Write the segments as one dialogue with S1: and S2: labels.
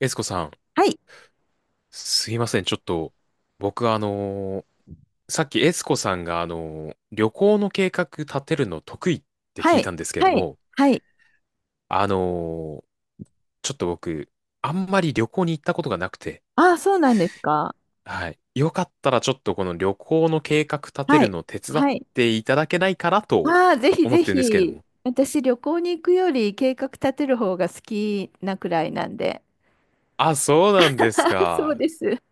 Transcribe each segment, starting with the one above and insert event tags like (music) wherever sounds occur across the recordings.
S1: エスコさん、
S2: はい。
S1: すいません。ちょっと、僕さっきエスコさんが旅行の計画立てるの得意って
S2: は
S1: 聞い
S2: い。
S1: たんですけれど
S2: はい。
S1: も、
S2: はい。
S1: あのーちょっと僕、あんまり旅行に行ったことがなくて、
S2: ああ、そうなんですか。
S1: はい。よかったらちょっとこの旅行の計画立て
S2: は
S1: る
S2: い。
S1: の手伝っ
S2: はい。
S1: ていただけないかなと
S2: ああ、ぜひ
S1: 思
S2: ぜ
S1: ってるんですけれど
S2: ひ。
S1: も。
S2: 私、旅行に行くより計画立てる方が好きなくらいなんで。
S1: あ、そうなんで
S2: (laughs)
S1: す
S2: あ、そう
S1: か。
S2: です。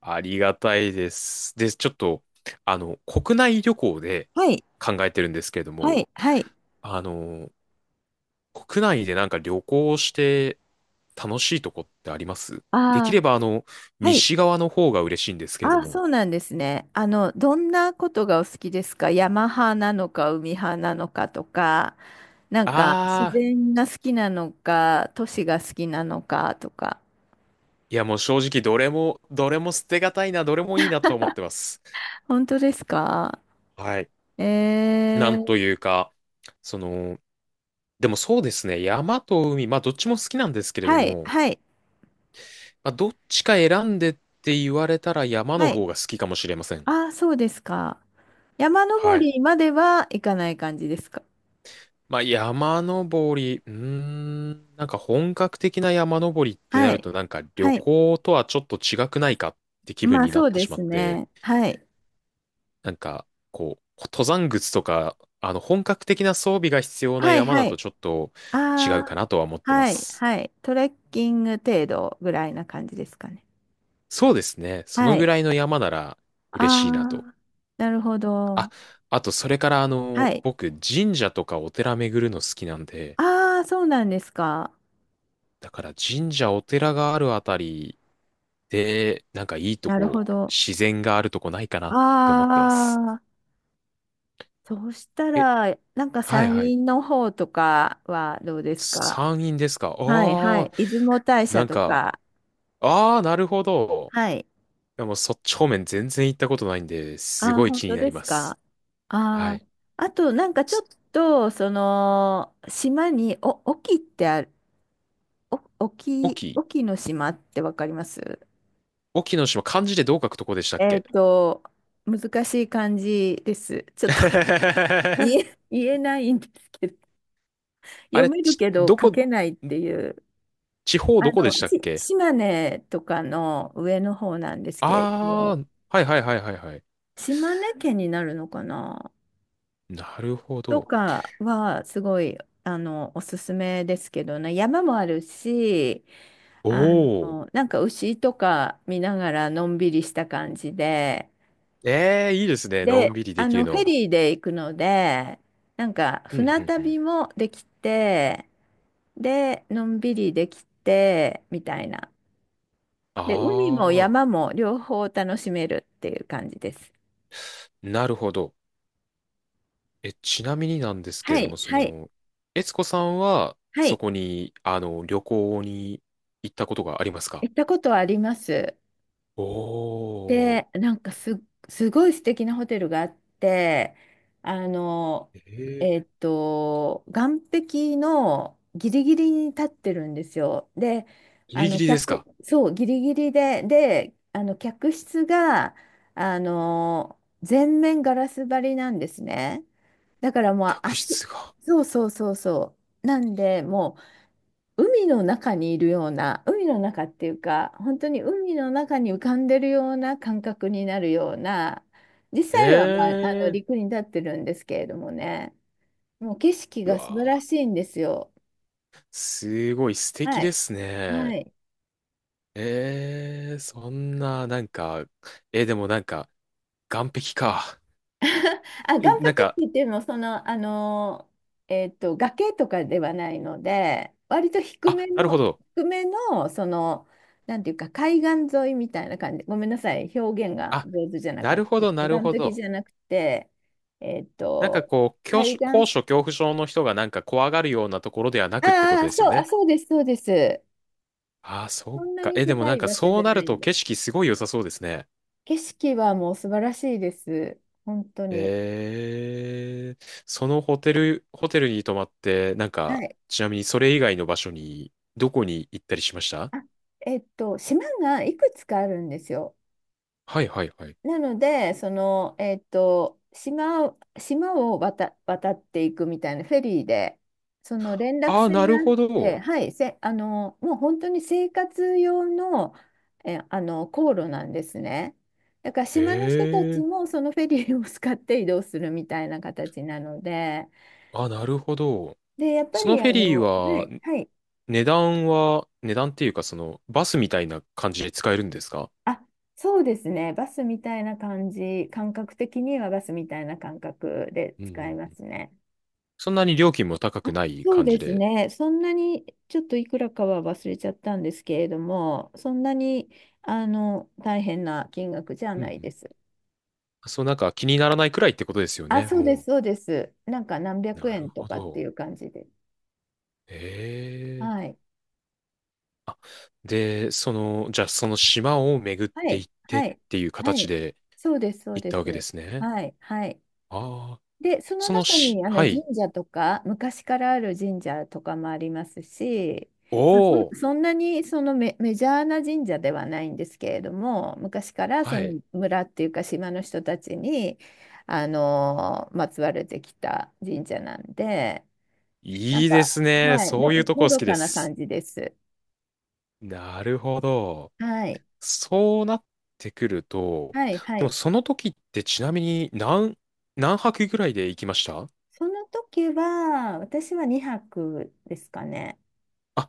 S1: ありがたいです。で、ちょっと、国内旅行で
S2: はい。
S1: 考えてるんですけれど
S2: は
S1: も、
S2: い。はい。
S1: あの国内でなんか旅行して楽しいとこってあります？で
S2: あ
S1: き
S2: あ、
S1: れば
S2: はい。
S1: 西側の方が嬉しいんですけれど
S2: ああ、
S1: も。
S2: そうなんですね。どんなことがお好きですか？山派なのか、海派なのかとか、なん
S1: あ
S2: か、自
S1: あ、
S2: 然が好きなのか、都市が好きなのかとか。
S1: いやもう正直どれも、どれも捨てがたいな、どれもいいなと思ってます。
S2: 本当ですか？
S1: はい。な
S2: え
S1: んと
S2: ー
S1: いうか、その、でもそうですね、山と海、まあどっちも好きなんですけれど
S2: はい、
S1: も、
S2: はい、
S1: まあどっちか選んでって言われたら山
S2: は
S1: の
S2: い。
S1: 方が好きかもしれません。
S2: ああ、そうですか。山登
S1: はい。
S2: りまでは行かない感じですか？
S1: まあ、山登り、なんか本格的な山登りってな
S2: は
S1: る
S2: い、
S1: と、なんか旅
S2: はい。
S1: 行とはちょっと違くないかって気分
S2: まあ、
S1: にな
S2: そ
S1: っ
S2: う
S1: て
S2: で
S1: しま
S2: す
S1: って、
S2: ね。はい、
S1: なんか、こう、登山靴とか、本格的な装備が必要な
S2: はい、
S1: 山
S2: は
S1: だと
S2: い。
S1: ちょっと違う
S2: あ
S1: か
S2: あ、
S1: なとは思ってま
S2: はい、
S1: す。
S2: はい。トレッキング程度ぐらいな感じですかね？
S1: そうですね。そ
S2: は
S1: のぐ
S2: い。
S1: らいの山なら嬉しいなと。
S2: ああ、なるほど。
S1: あ、あと、それから、
S2: はい。
S1: 僕、神社とかお寺巡るの好きなんで、
S2: ああ、そうなんですか。
S1: だから神社、お寺があるあたりで、なんかいいと
S2: なる
S1: こ、
S2: ほど。
S1: 自然があるとこないかなって思ってます。
S2: ああ、そうした
S1: え、
S2: ら、なんか
S1: はい
S2: 山
S1: はい。
S2: 陰の方とかはどうですか？
S1: 山陰ですか？
S2: はい、は
S1: ああー、
S2: い。出雲大社
S1: なん
S2: と
S1: か、
S2: か。
S1: ああ、なるほど。
S2: はい。
S1: でもそっち方面全然行ったことないんで、す
S2: ああ、
S1: ごい
S2: 本
S1: 気に
S2: 当
S1: な
S2: で
S1: り
S2: す
S1: ます。
S2: か。
S1: は
S2: ああ、
S1: い。
S2: あと、なんかちょっ
S1: す
S2: と、その、島に、沖ってある、お、
S1: 隠
S2: 沖、
S1: 岐、
S2: 沖の島ってわかります？
S1: 隠岐の島、漢字でどう書くとこでしたっ
S2: えっ
S1: け？
S2: と、難しい漢字です。ちょっと (laughs) 言
S1: (laughs)
S2: え、言えないんですけど、
S1: あ
S2: 読
S1: れ、
S2: めるけど書けないっていう、
S1: 地方どこでしたっ
S2: し
S1: け？
S2: 島根とかの上の方なんですけれど
S1: ああ
S2: も、
S1: ー、はいはいはいはいはい。
S2: 島根県になるのかな。
S1: なるほ
S2: と
S1: ど。
S2: かはすごい、おすすめですけどね。山もあるし、あ
S1: おー。
S2: なんか牛とか見ながらのんびりした感じで。
S1: ええ、いいですね。の
S2: で、
S1: んびりできる
S2: フェ
S1: の。
S2: リーで行くので、なんか
S1: うん、う
S2: 船
S1: ん、うん。
S2: 旅もできて、でのんびりできてみたいな。
S1: あ
S2: で、海も
S1: あ、
S2: 山も両方楽しめるっていう感じです。
S1: なるほど。え、ちなみになんですけ
S2: は
S1: れど
S2: い、
S1: も、
S2: はい、
S1: 悦子さんは、
S2: は
S1: そ
S2: い。
S1: こに、旅行に行ったことがありますか？
S2: 行ったことはあります。
S1: おー。
S2: で、なんかすごい素敵なホテルがあって、あの、
S1: ええ、
S2: 岸壁のギリギリに立ってるんですよ。で、
S1: ギリギリです
S2: 客、
S1: か？
S2: そう、ギリギリで、で、客室が、全面ガラス張りなんですね。だからもう
S1: 客
S2: 足、
S1: 室が。
S2: そうそうそうそう。なんで、もう、海の中にいるような、海の中っていうか、本当に海の中に浮かんでるような感覚になるような、実際は、まあ、あの
S1: ええ、
S2: 陸に立ってるんですけれどもね、もう景色
S1: う
S2: が素
S1: わ
S2: 晴ら
S1: ー、
S2: しいんですよ。
S1: すごい素
S2: は
S1: 敵で
S2: い。
S1: す
S2: は
S1: ね。
S2: い。
S1: ええ、そんな、なんか、でもなんか、岸壁か。
S2: (laughs) あ、岩壁
S1: なん
S2: って
S1: か、
S2: 言っても、その、崖とかではないので、割と低め
S1: あ、なる
S2: の、
S1: ほど。
S2: 低めの、なんていうか、海岸沿いみたいな感じ。ごめんなさい、表現が
S1: あ、
S2: 上手じゃな
S1: な
S2: かっ
S1: るほど、
S2: た。
S1: なる
S2: 岩
S1: ほ
S2: 壁
S1: ど。
S2: じゃなくて、えっ
S1: なんか
S2: と、
S1: こう、
S2: 海
S1: 高
S2: 岸、
S1: 所恐怖症の人がなんか怖がるようなところではなくってこ
S2: あ
S1: と
S2: あ、
S1: です
S2: そ
S1: よ
S2: う、あ、
S1: ね。
S2: そうです、そうです。
S1: ああ、そ
S2: そ
S1: っ
S2: んな
S1: か。
S2: に
S1: え、でも
S2: 高
S1: なん
S2: い
S1: か
S2: 場所じ
S1: そう
S2: ゃ
S1: な
S2: な
S1: る
S2: いん
S1: と
S2: で。
S1: 景色すごい良さそうですね。
S2: 景色はもう素晴らしいです。本当に。
S1: そのホテル、に泊まって、なん
S2: は
S1: か、
S2: い。
S1: ちなみにそれ以外の場所に、どこに行ったりしました？
S2: あ、島がいくつかあるんですよ。
S1: はいはいはい。
S2: なので、島を渡っていくみたいなフェリーで、その連絡
S1: ああ、
S2: 船
S1: な
S2: が
S1: る
S2: あっ
S1: ほ
S2: て、
S1: ど。
S2: はい、せ、あの、もう本当に生活用の、え、あの、航路なんですね。だから島の人たち
S1: ええー、
S2: もそのフェリーを使って移動するみたいな形なので、
S1: あ、なるほど。
S2: で、やっぱ
S1: その
S2: り
S1: フェリー
S2: は
S1: は
S2: い、はい、
S1: 値段っていうか、バスみたいな感じで使えるんですか？
S2: あ、そうですね、バスみたいな感じ、感覚的にはバスみたいな感覚で
S1: うんう
S2: 使い
S1: ん
S2: ま
S1: うん。
S2: すね。
S1: そんなに料金も高くない
S2: そう
S1: 感
S2: で
S1: じ
S2: す
S1: で、
S2: ね。そんなに、ちょっといくらかは忘れちゃったんですけれども、そんなに、大変な金額じゃ
S1: う
S2: な
S1: ん
S2: い
S1: うん。
S2: です。
S1: そう、なんか気にならないくらいってことですよ
S2: あ、
S1: ね、
S2: そうで
S1: も
S2: す、そうです。なんか何
S1: う。
S2: 百
S1: なる
S2: 円と
S1: ほ
S2: かって
S1: ど。
S2: いう感じで。
S1: ええ。
S2: はい。
S1: あ、で、じゃあその島を巡っ
S2: は
S1: てい
S2: い。
S1: って
S2: は
S1: っ
S2: い。
S1: ていう
S2: は
S1: 形
S2: い。
S1: で
S2: そうです、そう
S1: 行っ
S2: で
S1: たわけで
S2: す。
S1: すね。
S2: はい。はい。
S1: ああ、
S2: で、その
S1: その
S2: 中
S1: し、
S2: にあ
S1: は
S2: の神
S1: い。
S2: 社とか、昔からある神社とかもありますし、
S1: お
S2: まあ
S1: お、
S2: そんなにそのメジャーな神社ではないんですけれども、昔からそ
S1: はい。
S2: の村っていうか島の人たちに、まつわれてきた神社なんで、なん
S1: いい
S2: か、
S1: ですね。
S2: はい、
S1: そ
S2: の、
S1: ういうとこ
S2: の
S1: 好
S2: ど
S1: きで
S2: かな
S1: す。
S2: 感じです。
S1: なるほど。
S2: はい、
S1: そうなってくると、
S2: はい、は
S1: でも
S2: い。
S1: その時ってちなみに何泊ぐらいで行きました？
S2: その時は、私は2泊ですかね。
S1: あ、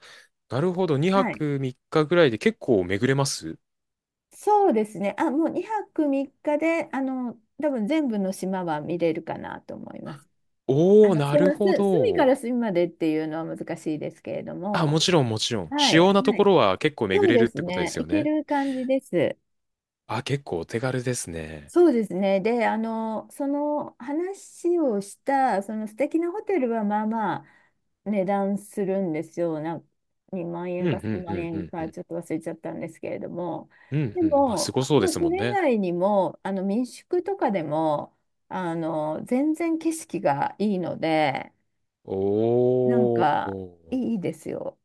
S1: なるほど。2
S2: はい、
S1: 泊3日ぐらいで結構巡れます？
S2: そうですね。あ、もう2泊3日で、多分全部の島は見れるかなと思います。
S1: おー、なるほ
S2: 隅から
S1: ど。
S2: 隅までっていうのは難しいですけれど
S1: あ、も
S2: も、
S1: ちろんもちろん。
S2: は
S1: 主
S2: い、
S1: 要なと
S2: は
S1: こ
S2: い。
S1: ろは結構
S2: そ
S1: 巡
S2: う
S1: れる
S2: で
S1: っ
S2: す
S1: てことで
S2: ね。
S1: す
S2: い
S1: よ
S2: け
S1: ね。
S2: る感じです。
S1: あ、結構お手軽ですね。
S2: そうですね。で、その話をした、その素敵なホテルはまあまあ値段するんですよ。2万
S1: うん、
S2: 円
S1: う
S2: か3
S1: ん、う
S2: 万
S1: ん、う
S2: 円
S1: ん、う
S2: か
S1: ん。
S2: ちょっと忘れちゃったんですけれども。
S1: うん、
S2: で
S1: うん。まあ、す
S2: も、
S1: ご
S2: まあ、
S1: そう
S2: そ
S1: ですもん
S2: れ以
S1: ね。
S2: 外にも、あの民宿とかでも、全然景色がいいので、
S1: お
S2: なんか
S1: ー。
S2: いいですよ。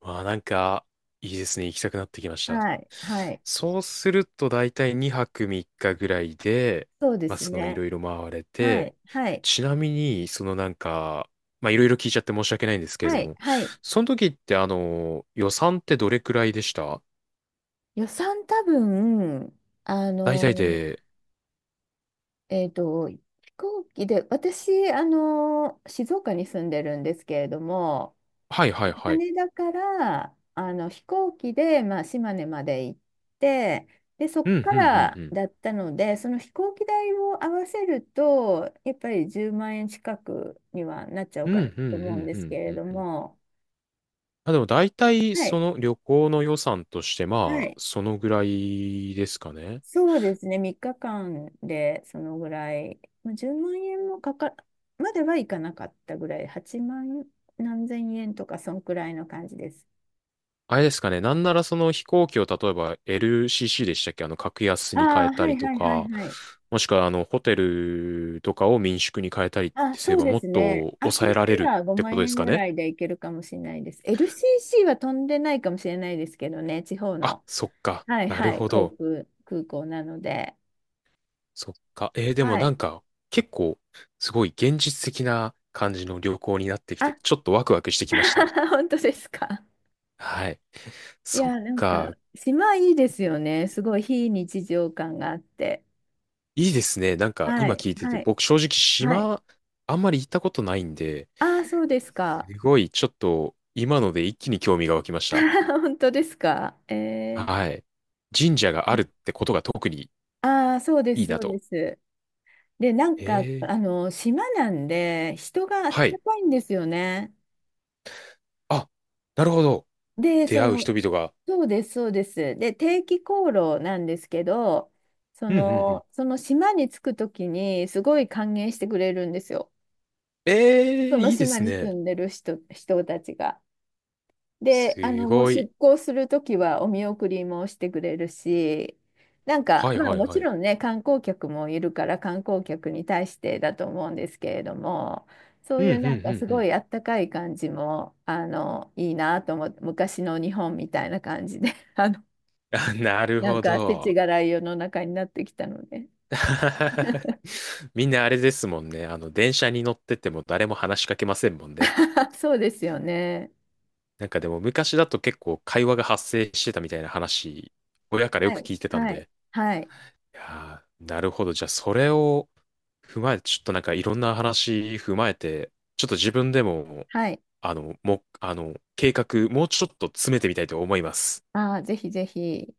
S1: まあなんか、いいですね。行きたくなってきました。
S2: はい、はい。
S1: そうするとだいたい2泊3日ぐらいで、
S2: そうで
S1: まあ
S2: す
S1: そのい
S2: ね。
S1: ろいろ回れ
S2: は
S1: て、
S2: い、はい、
S1: ちなみに、なんか、まあいろいろ聞いちゃって申し訳ないんですけれ
S2: は
S1: ど
S2: い、
S1: も、
S2: はい。
S1: その時って予算ってどれくらいでした？
S2: 予算多分、あ
S1: 大体
S2: の
S1: で、
S2: 飛行機で、私、あの、静岡に住んでるんですけれども、
S1: はいはいはい。
S2: 羽田から、あの、飛行機で、まあ、島根まで行って、で、そっ
S1: うん、うん、
S2: か
S1: うん、う
S2: ら
S1: ん。
S2: だったので、その飛行機代を合わせると、やっぱり10万円近くにはなっちゃう
S1: うん、うん、う
S2: かな
S1: ん、
S2: と
S1: う
S2: 思うんですけ
S1: ん、う
S2: れ
S1: ん。
S2: ど
S1: うん
S2: も、
S1: まあでも大体
S2: はい、
S1: その旅行の予算として
S2: は
S1: まあ、
S2: い。
S1: そのぐらいですかね。
S2: そうですね、3日間でそのぐらい、まあ、10万円もかか、まではいかなかったぐらい、8万何千円とか、そんくらいの感じです。
S1: あれですかね。なんならその飛行機を例えば LCC でしたっけ？格安に変
S2: あ
S1: え
S2: あ、
S1: た
S2: はい、
S1: りと
S2: はい、はい、
S1: か、
S2: はい。
S1: もしくはホテルとかを民宿に変えたりっ
S2: あ、
S1: てす
S2: そ
S1: れ
S2: う
S1: ば
S2: で
S1: もっ
S2: すね。
S1: と
S2: あ、そ
S1: 抑え
S2: し
S1: られ
S2: た
S1: る
S2: ら
S1: って
S2: 5
S1: こと
S2: 万
S1: です
S2: 円
S1: か
S2: ぐ
S1: ね？
S2: らいでいけるかもしれないです。LCC は飛んでないかもしれないですけどね、地方
S1: あ、
S2: の。
S1: そっか。
S2: はい、
S1: なる
S2: はい、
S1: ほど。
S2: 空港なので。
S1: そっか。でも
S2: は
S1: な
S2: い。
S1: んか、結構、すごい現実的な感じの旅行になってき
S2: あ、
S1: て、ちょっとワクワクしてきました。
S2: (laughs) 本当ですか。
S1: はい。
S2: い
S1: そっ
S2: や、なんか、
S1: か。
S2: 島いいですよね。すごい非日常感があって。
S1: いいですね。なんか、
S2: は
S1: 今
S2: い、
S1: 聞いて
S2: は
S1: て、
S2: い、
S1: 僕正直
S2: はい。
S1: 島、あんまり行ったことないんで、
S2: ああ、そうですか。
S1: すごい、ちょっと、今ので一気に興味が湧きました。
S2: (laughs) 本当ですか。え
S1: はい。神社があるっ
S2: ー、
S1: てことが特に
S2: ああ、そうで
S1: い
S2: す、
S1: い
S2: そ
S1: な
S2: うで
S1: と。
S2: す。で、なんか、
S1: え
S2: あ
S1: え。
S2: の、島なんで、人があっ
S1: は
S2: た
S1: い。
S2: かいんですよね。
S1: あ、なるほど。
S2: で、
S1: 出会う人々が。
S2: そうです、そうです。で、定期航路なんですけど、そ
S1: うん、うん、うん。
S2: の、その島に着くときに、すごい歓迎してくれるんですよ。
S1: え
S2: そ
S1: え、
S2: の
S1: いいで
S2: 島
S1: す
S2: に住
S1: ね。
S2: んでる人たちが。で、
S1: す
S2: もう
S1: ご
S2: 出
S1: い。
S2: 航するときはお見送りもしてくれるし、なんか、
S1: はい、
S2: まあ
S1: はい、
S2: も
S1: は
S2: ち
S1: い。
S2: ろんね、観光客もいるから観光客に対してだと思うんですけれども、そ
S1: う
S2: う
S1: ん、う
S2: い
S1: ん、う
S2: うなんか
S1: ん、
S2: す
S1: う
S2: ご
S1: ん。
S2: いあったかい感じも、いいなと思って、昔の日本みたいな感じで、(laughs)
S1: (laughs) あ、なる
S2: なん
S1: ほ
S2: か世知
S1: ど。
S2: 辛い世の中になってきたので。
S1: (laughs) みんなあれですもんね。電車に乗ってても誰も話しかけませんもんね。
S2: (laughs) そうですよね。
S1: なんかでも昔だと結構会話が発生してたみたいな話、親からよ
S2: は
S1: く
S2: い、
S1: 聞いてたん
S2: はい、
S1: で。
S2: はい、
S1: いやーなるほど。じゃあ、それを踏まえて、ちょっとなんかいろんな話踏まえて、ちょっと自分でも、
S2: はい。
S1: 計画、もうちょっと詰めてみたいと思います。
S2: ああ、ぜひぜひ。